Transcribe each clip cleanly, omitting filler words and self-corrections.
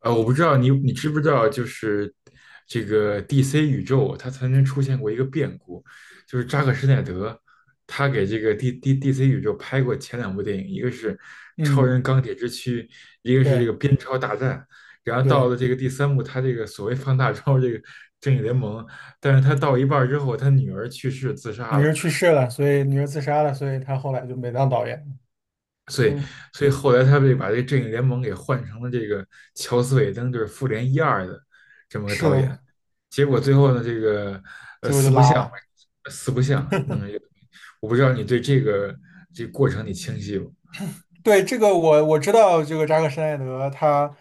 我不知道你知不知道，就是这个 DC 宇宙，它曾经出现过一个变故，就是扎克施耐德，他给这个 DC 宇宙拍过前两部电影，一个是《超嗯，人钢铁之躯》，一个是这个对《蝙超大战》，然后到对，了这个第三部，他这个所谓放大招这个正义联盟，但是他到一半儿之后，他女儿去世自杀女了，儿去世了，所以女儿自杀了，所以他后来就没当导演。所以，嗯，所以后来他们就把这个正义联盟给换成了这个乔斯·韦登，就是复联一二的这么个是导演。的，结果最后呢，这个结果四就不拉像嘛，了。四不像弄了一个东西，我不知道你对这个过程你清晰不？对，这个我知道，这个扎克施奈德他，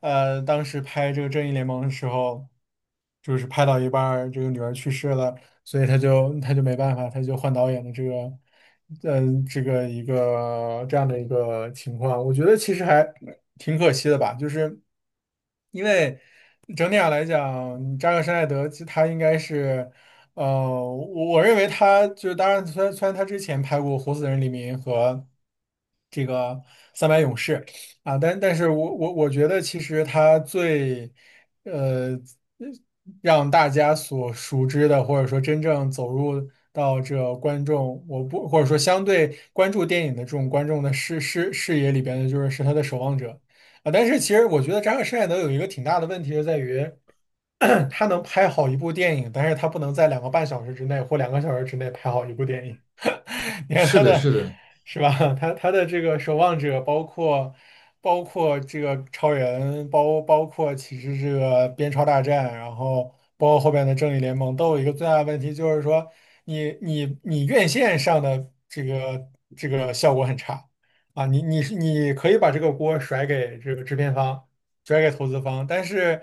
当时拍这个《正义联盟》的时候，就是拍到一半儿，这个女儿去世了，所以他就没办法，他就换导演的这个，这个一个这样的一个情况，我觉得其实还挺可惜的吧，就是因为整体上来讲，扎克施奈德其实他应该是，呃，我认为他就当然，虽然他之前拍过《活死人黎明》和这个《三百勇士》啊，但是我觉得其实他最呃，让大家所熟知的，或者说真正走入到这观众，我不，或者说相对关注电影的这种观众的视野里边的，就是他的守望者啊。但是其实我觉得扎克施耐德有一个挺大的问题，就在于 他能拍好一部电影，但是他不能在两个半小时之内或两个小时之内拍好一部电影。你看是他的，的，是的，是吧？他的这个守望者，包括这个超人，包括其实这个边超大战，然后包括后边的正义联盟，都有一个最大的问题，就是说你院线上的这个效果很差啊，你可以把这个锅甩给这个制片方，转给投资方，但是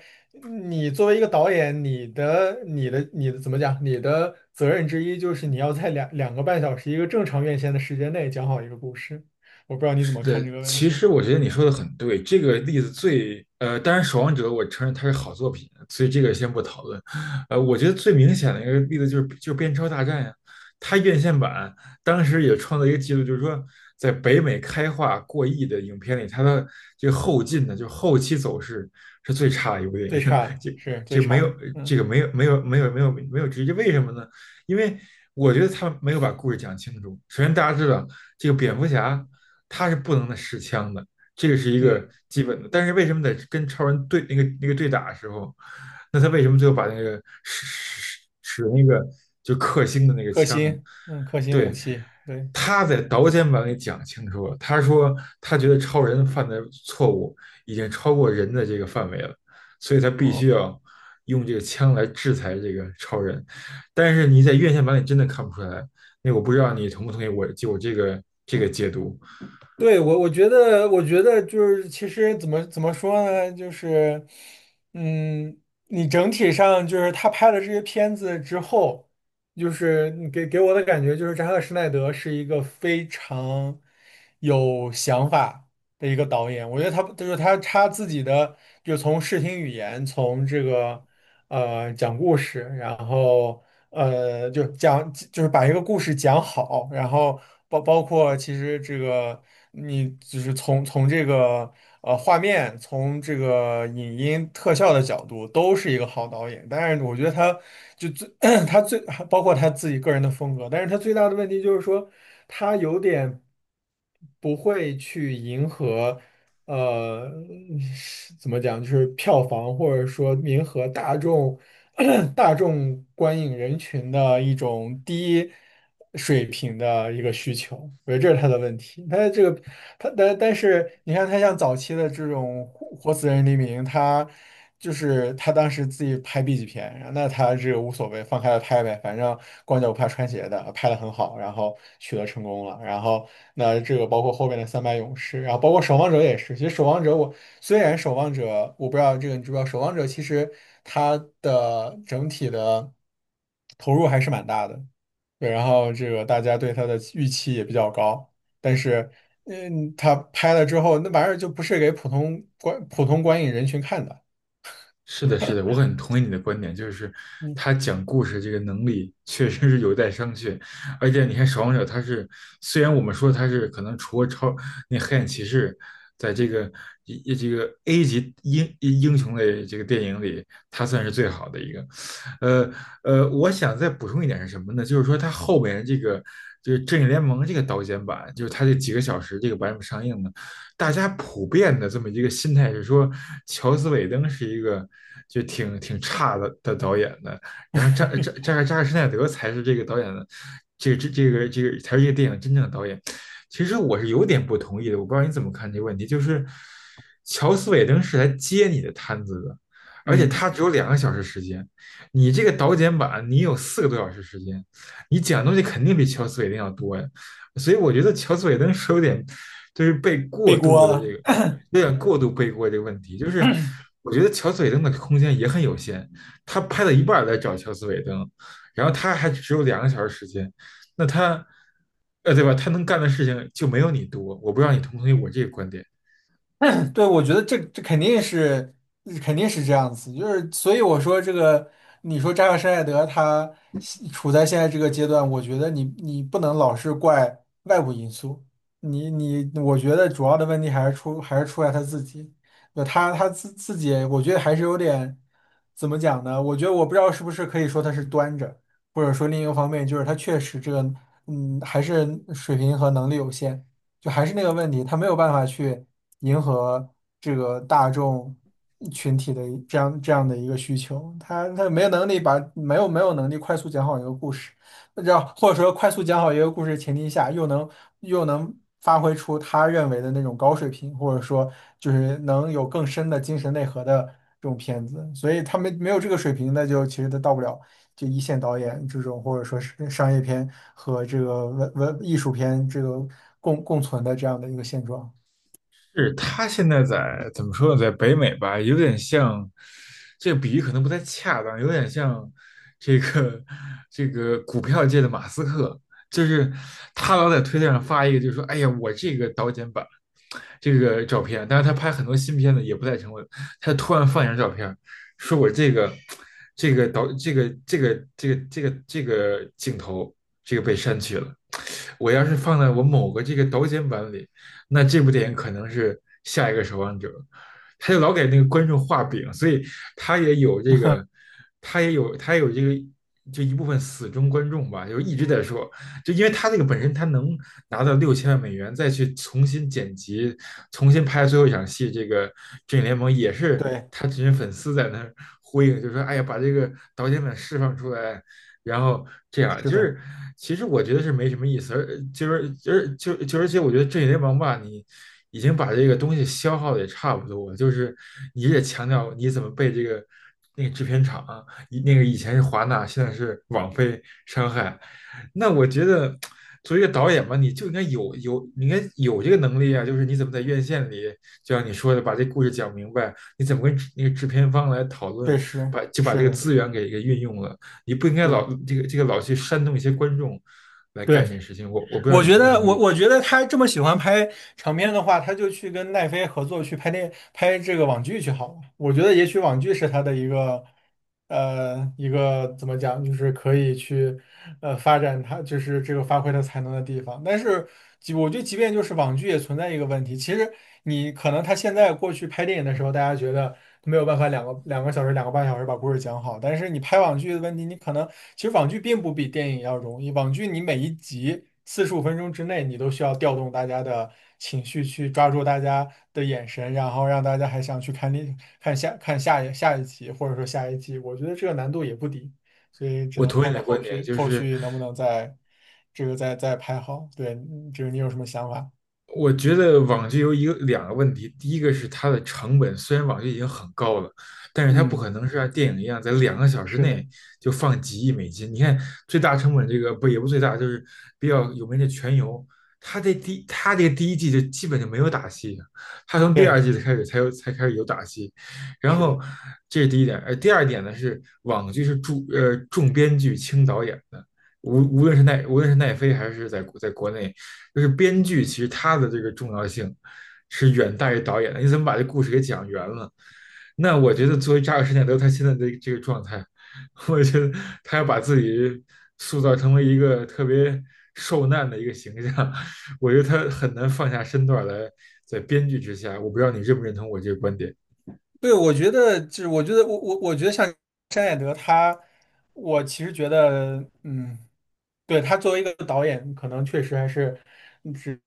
你作为一个导演，你的怎么讲？你的责任之一就是你要在两个半小时一个正常院线的时间内讲好一个故事。我不知道你怎是么看这的，个问其题，实我觉得你说的很对。这个例子最，当然《守望者》，我承认它是好作品，所以这个先不讨论。我觉得最明显的一个例子就是《边超大战》呀，它院线版当时也创造一个记录，就是说在北美开画过亿的影片里，它的这个后劲呢，就是后期走势是最差的一部电最影。差 的这是最这没差有的，这个嗯没有没有没有没有没有直接，为什么呢？因为我觉得他没有把故事讲清楚。首先，大家知道这个蝙蝠侠。他是不能的持枪的，这个是一个嗯，基本的。但是为什么在跟超人对那个对打的时候，那他为什么最后把那个使使使那个就克星的那个克枪啊星，嗯，克星武对，器，对，他在导演版里讲清楚了，他说他觉得超人犯的错误已经超过人的这个范围了，所以他必嗯。须嗯要用这个枪来制裁这个超人。但是你在院线版里真的看不出来，那我不知道你同不同意我就我这个解读。对，我觉得，我觉得就是，其实怎么说呢，就是，嗯，你整体上就是他拍了这些片子之后，就是你给我的感觉就是扎克施奈德是一个非常有想法的一个导演。我觉得他就是他自己的，就从视听语言，从这个讲故事，然后。就是把一个故事讲好，然后包括其实这个你就是从这个画面，从这个影音特效的角度，都是一个好导演。但是我觉得他就最 他最包括他自己个人的风格，但是他最大的问题就是说他有点不会去迎合。呃，怎么讲，就是票房或者说迎合大众 大众观影人群的一种低水平的一个需求，我觉得这是他的问题。他这个他但是你看，他像早期的这种《活死人黎明》，就是他当时自己拍 B 级片，然后那他这个无所谓，放开了拍呗，反正光脚不怕穿鞋的，拍的很好，然后取得成功了。然后那这个包括后面的三百勇士，然后包括守望者也是。其实守望者我虽然守望者我不知道这个你知不知道，守望者其实它的整体的投入还是蛮大的，对，然后这个大家对它的预期也比较高，但是。他拍了之后，那玩意儿就不是给普通观影人群看的，是的，是的，我很同意你的观点，就是嗯他讲故事这个能力确实是有待商榷。而且你看《守望者》，他是虽然我们说他是可能除了超那黑暗骑士，在这个一这个 A 级英雄类这个电影里，他算是最好的一个。呃我想再补充一点是什么呢？就是说他后面这个就是《正义联盟》这个导剪版，就是他这几个小时这个版本上映呢。大家普遍的这么一个心态是说，乔斯·韦登是一个就挺差的导演的，然后扎克施奈德才是这个导演的，这个才是这个电影真正的导演。其实我是有点不同意的，我不知道你怎么看这个问题，就是乔斯·韦登是来接你的摊子的，而且嗯，他只有两个小时时间，你这个导剪版你有4个多小时时间，你讲的东西肯定比乔斯·韦登要多呀。所以我觉得乔斯韦登是有点就是被过背度锅，的这个了。有点过度背锅这个问题，就是我觉得乔斯韦登的空间也很有限，他拍了一半来找乔斯韦登，然后他还只有两个小时时间，那他对吧？他能干的事情就没有你多，我不知道你同不同意我这个观点。对，我觉得这肯定是肯定是这样子，就是所以我说这个，你说扎克施耐德他现在这个阶段，我觉得你不能老是怪外部因素，你我觉得主要的问题还是出在他自己，那他自己，我觉得还是有点怎么讲呢？我觉得我不知道是不是可以说他是端着，或者说另一个方面就是他确实这个还是水平和能力有限。就还是那个问题，他没有办法去迎合这个大众群体的这样的一个需求，他没有能力把没有没有能力快速讲好一个故事，让或者说快速讲好一个故事的前提下，又能发挥出他认为的那种高水平，或者说就是能有更深的精神内核的这种片子，所以他没有这个水平，那就其实他到不了就一线导演这种，或者说是商业片和这个文艺术片这个共存的这样的一个现状。是他现在在怎么说呢，在北美吧，有点像，这个比喻可能不太恰当，有点像这个这个股票界的马斯克，就是他老在推特上发一个，就是说，哎呀，我这个导剪版这个照片，但是他拍很多新片子也不太成功，他突然放一张照片，说我这个这个导这个这个这个这个这个镜头这个被删去了，我要是放在我某个这个导剪版里。那这部电影可能是下一个守望者。他就老给那个观众画饼，所以他也有这个，他也有这个，就一部分死忠观众吧，就一直在说，就因为他这个本身他能拿到6000万美元，再去重新剪辑、重新拍最后一场戏，这个《正义联盟》也是对。他这些粉丝在那儿呼应，就说：“哎呀，把这个导演们释放出来，然后这样是就的，是，其实我觉得是没什么意思，而就是就是就就而且我觉得这些王八你已经把这个东西消耗的也差不多了就是你也强调你怎么被这个那个制片厂以那个以前是华纳，现在是网飞伤害，那我觉得作为一个导演吧，你就应该有你应该有这个能力啊，就是你怎么在院线里，就像你说的把这故事讲明白，你怎么跟那个制片方来讨论，确实把就把这是个的，资源给运用了。你不应该老对老去煽动一些观众来干对，这个事情。我不知道我你觉同不得，同我意，我觉得他这么喜欢拍长片的话，他就去跟奈飞合作去拍这个网剧去好了。我觉得也许网剧是他的一个怎么讲，就是可以去发展他就是这个发挥他才能的地方。但是我觉得，即便就是网剧也存在一个问题，其实你可能他现在过去拍电影的时候，大家觉得，没有办法两个小时、两个半小时把故事讲好，但是你拍网剧的问题，你可能其实网剧并不比电影要容易。网剧你每一集45分钟之内，你都需要调动大家的情绪，去抓住大家的眼神，然后让大家还想去看另看下看下一下一集，或者说下一季。我觉得这个难度也不低，所以只我能同意看你到的观后点，续就后是续能不能再再拍好。对，就是你有什么想法？我觉得网剧有一个两个问题，第一个是它的成本，虽然网剧已经很高了，但是它不可嗯，能是像电影一样在两个小时是的，内就放几亿美金。你看最大成本这个不也不最大，就是比较有名的《全游》，它这第它这个第一季就基本就没有打戏，它从第二对。季开始才开始有打戏。然是后的。这是第一点，第二点呢是网剧是重编剧轻导演，的。无论是奈飞还是在国内，就是编剧其实他的这个重要性是远大于导演的。你怎么把这故事给讲圆了？那我觉得作为扎克施耐德他现在的这个状态，我觉得他要把自己塑造成为一个特别受难的一个形象，我觉得他很难放下身段来在编剧之下。我不知道你认不认同我这个观点？对，我觉得就是，我觉得像山野德他，我其实觉得，对，他作为一个导演，可能确实还是只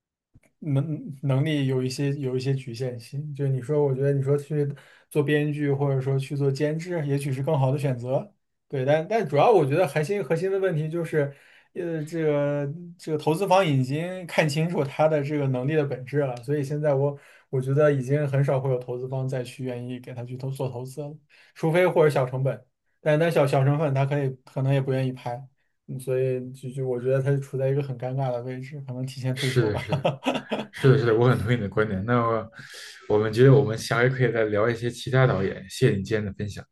能力有一些局限性。就是你说，我觉得你说去做编剧，或者说去做监制，也许是更好的选择。对，但主要我觉得核心的问题就是，呃，这个这个投资方已经看清楚他的这个能力的本质了，所以现在我觉得已经很少会有投资方再去愿意给他去做投资了，除非或者小成本，但小成本他可能也不愿意拍，所以就我觉得他处在一个很尴尬的位置，可能提前退是休的，吧。是的。是的，是的，我很同意你的观点。那么我们觉得我们下回可以再聊一些其他导演。谢谢你今天的分享。